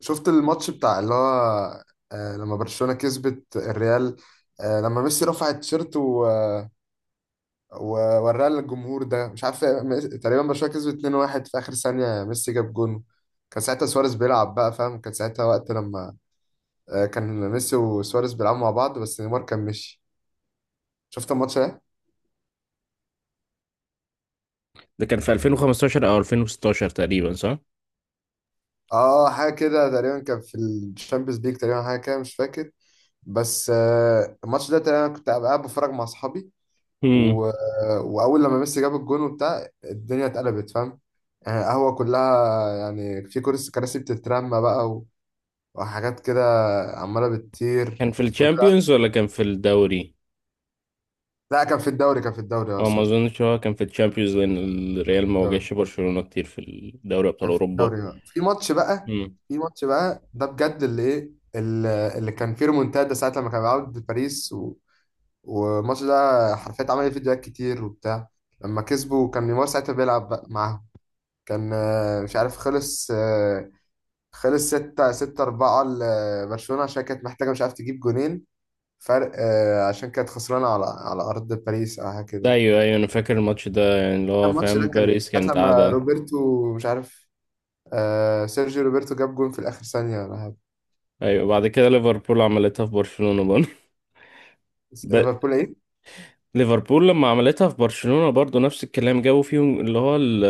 شفت الماتش بتاع اللي هو لما برشلونة كسبت الريال، لما ميسي رفع التيشيرت ووراه للجمهور، ده مش عارف، تقريبا برشلونة كسبت 2-1 في آخر ثانية، ميسي جاب جون. كان ساعتها سواريز بيلعب بقى فاهم، كان ساعتها وقت لما كان ميسي وسواريز بيلعبوا مع بعض، بس نيمار كان مشي. شفت الماتش ده؟ ده كان في 2015 او 2016 تقريبا، صح؟ اه، حاجة كده تقريبا، كان في الشامبيونز ليج تقريبا، حاجة كده مش فاكر. بس الماتش ده تقريبا كنت قاعد بتفرج مع اصحابي، امم. و... واول لما ميسي جاب الجون وبتاع، الدنيا اتقلبت فاهم. يعني قهوه كلها، يعني في كراسي بتترمى بقى، وحاجات كده، عماله بتطير كان في كلها. الشامبيونز ولا كان في الدوري؟ لا، كان في الدوري، اه اه، ما سوري، اظنش هو كان في الشامبيونز، لان كان في الريال ما الدوري واجهش برشلونة كتير في الدوري ابطال كان في اوروبا. الدوري اه في ماتش بقى، امم. ده بجد اللي ايه، اللي كان فيه ريمونتادا، ساعه لما كان بيلعب باريس والماتش ده حرفيا عمل فيديوهات كتير وبتاع، لما كسبوا كان نيمار ساعتها بيلعب بقى معاهم. كان مش عارف، خلص خلص ستة ستة أربعة لبرشلونة عشان كانت محتاجة مش عارف تجيب جونين فرق، عشان كانت خسرانة على أرض باريس أو حاجة ده كده. ايوه ايوه، انا فاكر الماتش ده، يعني اللي هو الماتش ده فاهم، كان باريس ساعة كانت لما قاعدة. روبرتو مش عارف، آه سيرجيو روبرتو جاب جون في الآخر ثانية ولا حاجة. ايوه، بعد كده ليفربول عملتها في برشلونة برضه. بس ب- ليفربول إيه؟ ليفربول لما عملتها في برشلونة برضه نفس الكلام، جابوا فيهم اللي هو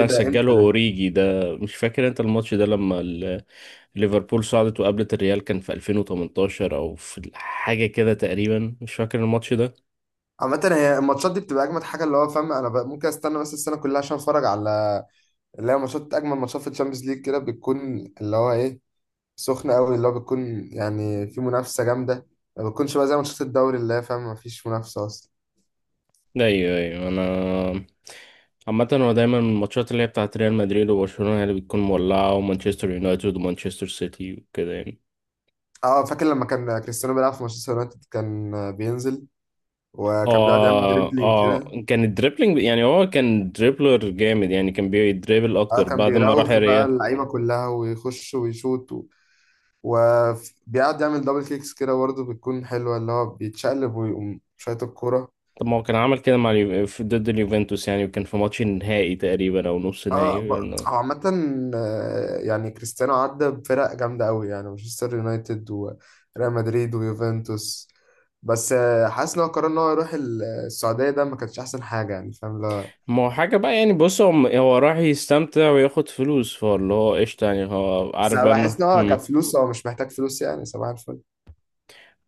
إيه ده إمتى سجله ده؟ اوريجي ده. مش فاكر انت الماتش ده، لما ليفربول صعدت وقابلت الريال، كان في 2018 او في حاجه كده تقريبا، مش فاكر الماتش ده. عامة هي الماتشات دي بتبقى أجمد حاجة، اللي هو فاهم، أنا ممكن أستنى بس السنة كلها عشان أتفرج على اللي هي ماتشات، أجمل ماتشات في الشامبيونز ليج كده بتكون اللي هو إيه، سخنة قوي، اللي هو بتكون يعني في منافسة جامدة. ما بتكونش بقى زي ماتشات الدوري اللي هي فاهم ما فيش منافسة أصلا. ايوه ايوه، انا عامة هو دايما الماتشات اللي هي بتاعت ريال مدريد وبرشلونة هي اللي بتكون مولعة، ومانشستر يونايتد ومانشستر سيتي وكده يعني. اه، فاكر لما كان كريستيانو بيلعب في مانشستر يونايتد كان بينزل، وكان بيقعد يعمل اه دريبلينج اه، كده. كان الدريبلينج، يعني هو كان دريبلر جامد، يعني كان بيدريبل اه اكتر كان بعد ما راح بيراوغ بقى الريال. اللعيبة كلها ويخش ويشوط، وبيقعد يعمل دبل كيكس كده برضه، بتكون حلوة اللي هو بيتشقلب ويقوم شايط الكورة. طب ما هو كان عمل كده مع ضد اليوفنتوس يعني، وكان في ماتش النهائي تقريبا او نص اه، نهائي. هو عامة يعني كريستيانو عدى بفرق جامدة قوي، يعني مانشستر يونايتد وريال مدريد ويوفنتوس. بس حاسس ان هو قرر ان هو يروح السعودية، ده ما كانش احسن حاجة يعني فاهم، لا. ما هو حاجة بقى يعني، بص، هو راح يستمتع وياخد فلوس، فاللي هو قشطة، يعني هو بس عارف انا بقى انه بحس ان هو كفلوس هو مش محتاج فلوس، يعني صباح الفل.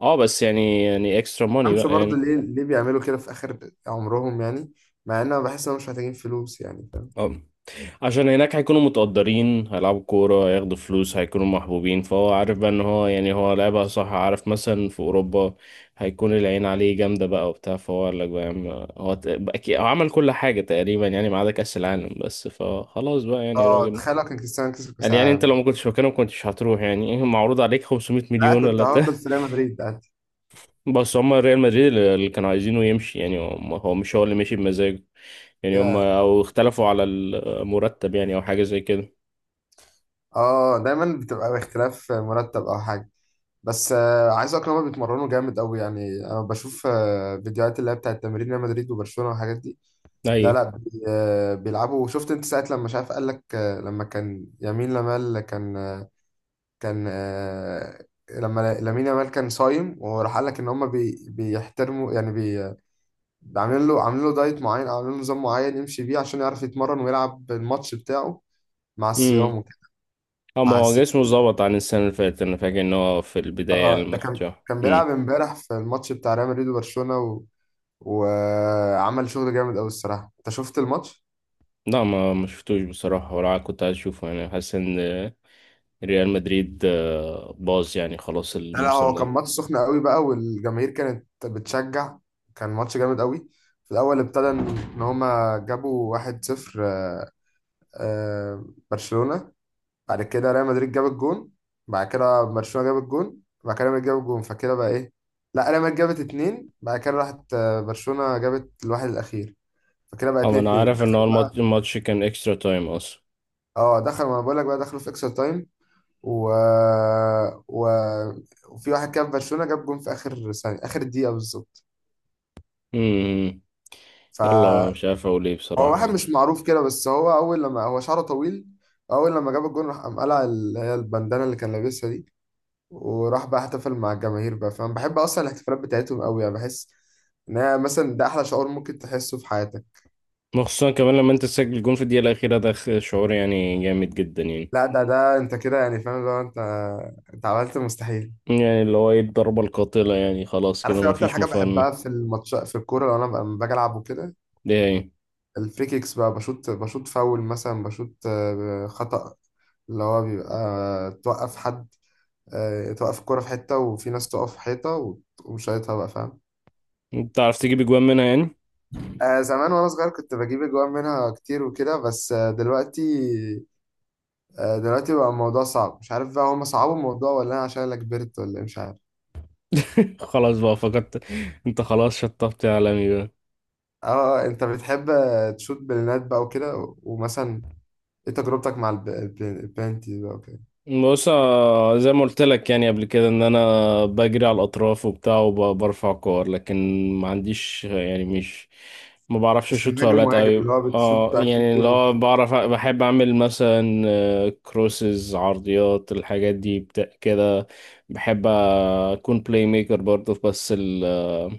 اه بس يعني اكسترا ماني امشي بقى برضه يعني. ليه، بيعملوا كده في اخر عمرهم يعني، مع ان انا بحس ان هم مش محتاجين فلوس يعني فاهم. اه، عشان هناك هيكونوا متقدرين، هيلعبوا كورة، هياخدوا فلوس، هيكونوا محبوبين، فهو عارف بقى ان هو، يعني هو لعبها صح، عارف مثلا في اوروبا هيكون العين عليه جامدة بقى وبتاع، فهو قال لك بقى يا عم. هو هو عمل كل حاجة تقريبا يعني، ما عدا كأس العالم بس، فخلاص بقى يعني اه، راجل. تخيل لو كان كريستيانو كسب كاس قال يعني انت العالم. لو ما كنتش مكانه ما كنتش هتروح، يعني ايه، معروض عليك 500 لا، مليون كنت ولا؟ هفضل في ريال مدريد ده. بس هما ريال مدريد اللي كانوا عايزينه يمشي، يعني هو مش هو اللي مشي بمزاجه، يعني هما او اختلفوا على المرتب يعني، او حاجة زي كده. اه، دايما بتبقى باختلاف مرتب او حاجة. بس عايز اقولك إن هما بيتمرنوا جامد قوي، يعني انا بشوف فيديوهات اللي هي بتاعت تمرين ريال مدريد وبرشلونة والحاجات دي. اي. لا لا، بيلعبوا. شفت انت ساعة لما مش عارف، قال لك لما كان يمين لمال كان آه، كان آه، لما لامين يامال كان صايم، وراح قال لك ان هم بيحترموا يعني عاملين له، دايت معين او عاملين له نظام معين يمشي بيه عشان يعرف يتمرن ويلعب الماتش بتاعه مع امم. الصيام وكده. اما هو فحسيت. جسمه ظبط عن السنة اللي فاتت، انا فاكر ان هو في اه، البداية ده لما كان، شفته. بيلعب امم. امبارح في الماتش بتاع ريال مدريد وبرشلونة، وعمل شغل جامد قوي الصراحه. انت شفت الماتش؟ لا، ما شفتوش بصراحة، ولا كنت عايز اشوفه، يعني حاسس ان ريال مدريد باظ يعني، خلاص لا لا، الموسم هو كان ده. ماتش سخن قوي بقى، والجماهير كانت بتشجع، كان ماتش جامد قوي. في الاول ابتدى ان، إن هما جابوا 1-0، آه، برشلونه، بعد كده ريال مدريد جاب الجون، بعد كده برشلونه جاب الجون، بعد كده ريال مدريد جاب الجون، فكده بقى ايه، لا ريال مدريد جابت اتنين، بعد كده راحت برشلونه جابت الواحد الاخير، فكده بقى اما انا 2-2. عارف ان هو دخلوا بقى. الماتش كان اكسترا تايم اصلا. اه دخلوا، ما انا بقول لك بقى دخلوا في اكسترا تايم، و... و... وفي واحد كان في برشلونة جاب جون في آخر ثانية، آخر دقيقة بالظبط امم. يلا فهو. مش عارف اقول ايه بصراحة واحد يعني. مش معروف كده بس هو، أول لما هو شعره طويل، أول لما جاب الجون راح قام قلع اللي هي البندانة اللي كان لابسها دي، وراح بقى احتفل مع الجماهير بقى. فأنا بحب أصلا الاحتفالات بتاعتهم أوي، يعني بحس إن هي مثلا ده أحلى شعور ممكن تحسه في حياتك. خصوصا كمان لما انت تسجل جون في الدقيقة الأخيرة، ده شعور يعني جامد جدا يعني. لا، ده أنت كده يعني فاهم، لو أنت، أنت عملت المستحيل. يعني اللي هو ايه، الضربة القاتلة يعني، خلاص عارف كده ايه أكتر مفيش حاجة مفر. بحبها في الماتش في الكورة لو أنا لما باجي ألعب وكده؟ ده يعني الفري كيكس بقى، بشوط فاول مثلا، بشوط خطأ، اللي هو بيبقى توقف حد، توقف الكرة في حتة، وفي ناس تقف في حيطة وتقوم شايطها بقى فاهم. انت عرفت تجيب اجوان منها يعني؟ زمان وأنا صغير كنت بجيب أجوان منها كتير وكده، بس دلوقتي، دلوقتي بقى الموضوع صعب، مش عارف بقى هما صعبوا الموضوع ولا أنا عشان أنا كبرت، ولا إيه، مش عارف. خلاص بقى، فقدت. انت خلاص شطبت يا عالمي بقى. اه، انت بتحب تشوت بلينات بقى وكده، ومثلا ايه تجربتك مع البلانتي بقى وكده؟ بص، زي ما قلت لك يعني، قبل كده، ان انا بجري على الاطراف وبتاع، وبرفع كور، لكن ما عنديش يعني مش، ما بعرفش مش اشوط مهاجم فاولات مهاجم قوي. اللي هو بتشوت اه بقى كل يعني جون اللي هو وكده؟ بعرف، بحب اعمل مثلا كروسز، عرضيات، الحاجات دي كده. بحب اكون بلاي ميكر برضه، بس ال آه،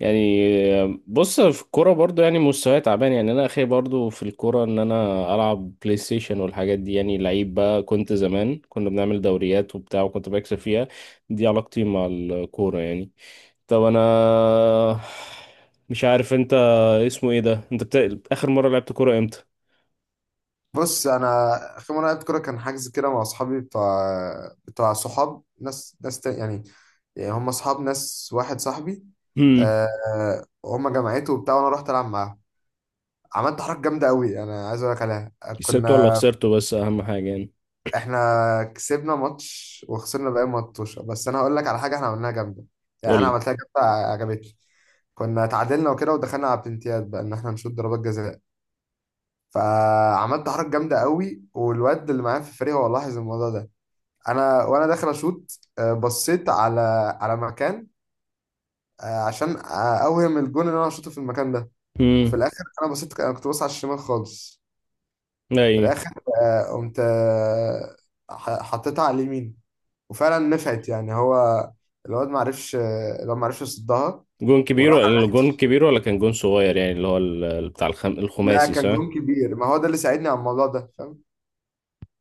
يعني بص، في الكورة برضو يعني مستواي تعبان، يعني انا اخي برضو في الكورة ان انا العب بلاي ستيشن والحاجات دي، يعني لعيب بقى. كنت زمان كنا بنعمل دوريات وبتاع، وكنت بكسب فيها. دي علاقتي مع الكورة يعني. طب انا مش عارف انت، اسمه ايه ده، انت اخر مرة لعبت كورة امتى؟ بص، انا اخر مره لعبت كوره كان حجز كده مع اصحابي بتوع، صحاب يعني، يعني هم اصحاب ناس، واحد صاحبي. امم. أه، هم جماعته وبتاع، وانا رحت العب معاهم، عملت حركه جامده قوي انا عايز اقول لك عليها. كسبته ولا كنا، خسرته، بس اهم حاجة يعني. احنا كسبنا ماتش وخسرنا باقي ماتش، بس انا هقول لك على حاجه احنا عملناها جامده، يعني انا قولي. عملتها جامده عجبتني. كنا اتعادلنا وكده، ودخلنا على بلنتيات بقى ان احنا نشوط ضربات جزاء، فعملت حركه جامده قوي، والواد اللي معايا في الفريق هو لاحظ الموضوع ده. انا وانا داخل اشوط، بصيت على مكان، عشان اوهم الجون ان انا اشوطه في المكان ده. وفي امم. الاخر انا بصيت، انا كنت باصص على الشمال خالص. في اي. الاخر قمت، حطيتها على اليمين، وفعلا نفعت. يعني هو الواد ما عرفش، يصدها، جون كبير وراح على ولا العكس. كان جون صغير يعني، اللي هو بتاع لا الخماسي كان صح؟ جون كبير، ما هو ده اللي ساعدني على الموضوع ده فاهم.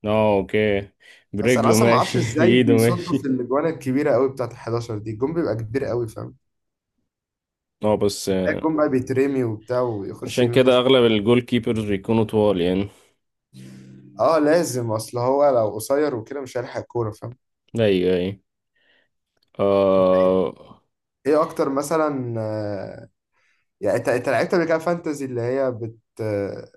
اه، اوكي. بس انا برجله اصلا ما اعرفش ماشي، ازاي بايده بيصدوا في ماشي. الاجوان الكبيره قوي بتاعت ال 11 دي، الجون بيبقى كبير قوي فاهم. اه بس بس بتلاقي الجون بقى بيترمي وبتاع ويخش عشان يمين كده يخش. اغلب الجول كيبرز بيكونوا طوال يعني. اه، لازم، اصل هو لو قصير وكده مش هيلحق الكوره فاهم. ايوه ايوه. آه. ايه اكتر مثلا يعني انت، انت لعبت قبل كده فانتزي اللي هي بت آه،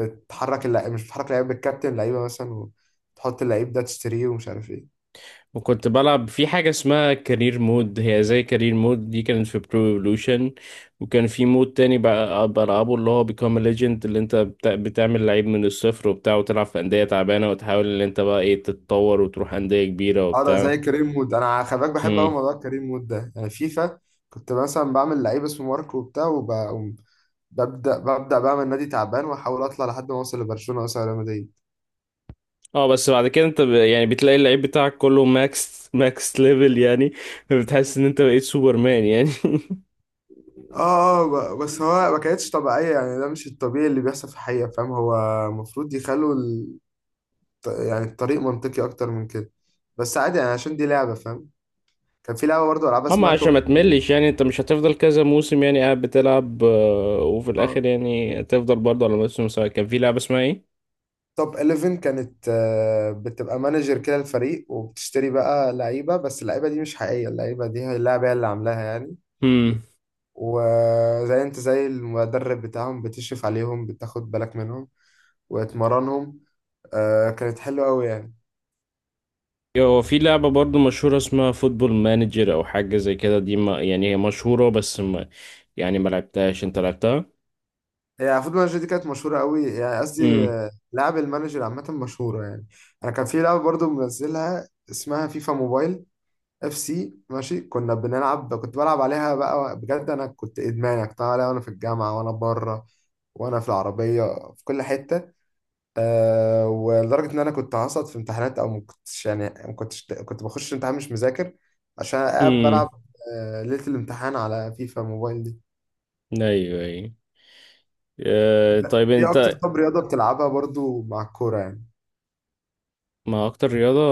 بتحرك اللعيب مش بتحرك اللعيب، بتكابتن لعيبه مثلا، وتحط اللعيب ده تشتريه ومش عارف ايه؟ وكنت بلعب في حاجة اسمها كارير مود، هي زي كارير مود دي كانت في برو ايفولوشن. وكان في مود تاني بقى بلعبه، اللي هو بيكام ليجند، اللي انت بتعمل لعيب من الصفر وبتاع، وتلعب في أندية تعبانة، وتحاول ان انت بقى ايه، تتطور وتروح أندية كبيرة اه، ده وبتاع. زي كريم وود، انا خلي بالك بحب قوي موضوع كريم وود ده، يعني فيفا. كنت مثلا بعمل لعيب اسمه ماركو وبتاع، وببدا، بعمل نادي تعبان واحاول اطلع لحد ما اوصل لبرشلونه مثلا ريال مدريد. اه بس بعد كده انت يعني بتلاقي اللعيب بتاعك كله ماكس ليفل يعني، فبتحس ان انت بقيت سوبرمان يعني. اه، اه، بس هو ما كانتش طبيعية، يعني ده مش الطبيعي اللي بيحصل في الحقيقة فاهم. هو المفروض يخلوا يعني الطريق منطقي أكتر من كده. بس عادي يعني عشان دي لعبة فاهم. كان في لعبة برضه، ألعاب اما اسمها عشان ما توب، تملش يعني، انت مش هتفضل كذا موسم يعني قاعد بتلعب وفي آه، الاخر يعني تفضل برضه على نفس المستوى. كان في لعبة اسمها ايه؟ توب 11 كانت، بتبقى مانجر كده الفريق، وبتشتري بقى لعيبة بس اللعيبة دي مش حقيقية، اللعيبة دي هي اللعبة هي اللي عاملاها يعني. امم. وزي انت زي المدرب بتاعهم، بتشرف عليهم، بتاخد بالك منهم وتمرنهم، كانت حلوة أوي يعني. هو في لعبة برضه مشهورة اسمها فوتبول مانجر او حاجة زي كده، دي ما يعني هي مشهورة، بس ما يعني ما لعبتهاش، انت لعبتها؟ هي فوتبول مانجر دي كانت مشهورة قوي، يعني قصدي امم. لعب المانجر عامة مشهورة يعني. أنا كان في لعبة برضو منزلها اسمها فيفا موبايل، اف سي ماشي. كنا بنلعب، كنت بلعب عليها بقى بجد، أنا كنت إدمان يعني، كنت بلعب عليها وأنا في الجامعة وأنا بره وأنا في العربية، في كل حتة. أه، ولدرجة إن أنا كنت هسقط في امتحانات، أو ما كنتش يعني، ما كنتش، كنت بخش امتحان مش مذاكر عشان قاعد امم. بلعب ليلة الامتحان على فيفا موبايل دي. ايوه ايوه. طيب إيه أكتر انت، طب رياضة بتلعبها برضو مع الكورة يعني؟ ما اكتر رياضة،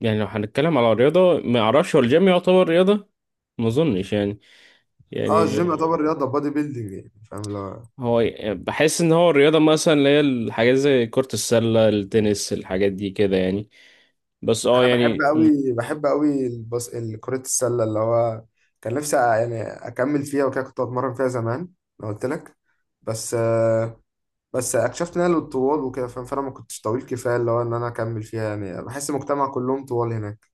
يعني لو هنتكلم على رياضة ما اعرفش هو الجيم يعتبر رياضة. ما اظنش يعني، اه الجيم يعني، يعتبر رياضه، بادي بيلدينج يعني فاهم اللي هو. هو بحس ان هو الرياضة مثلا اللي هي الحاجات زي كرة السلة، التنس، الحاجات دي كده يعني. بس اه انا بحب يعني قوي، كره السله، اللي هو كان نفسي يعني اكمل فيها وكده، كنت بتمرن فيها زمان انا قلت لك. بس بس اكتشفت ان انا للطوال وكده فاهم، فانا ما كنتش طويل كفايه اللي هو ان انا اكمل فيها، يعني بحس المجتمع كلهم طوال هناك.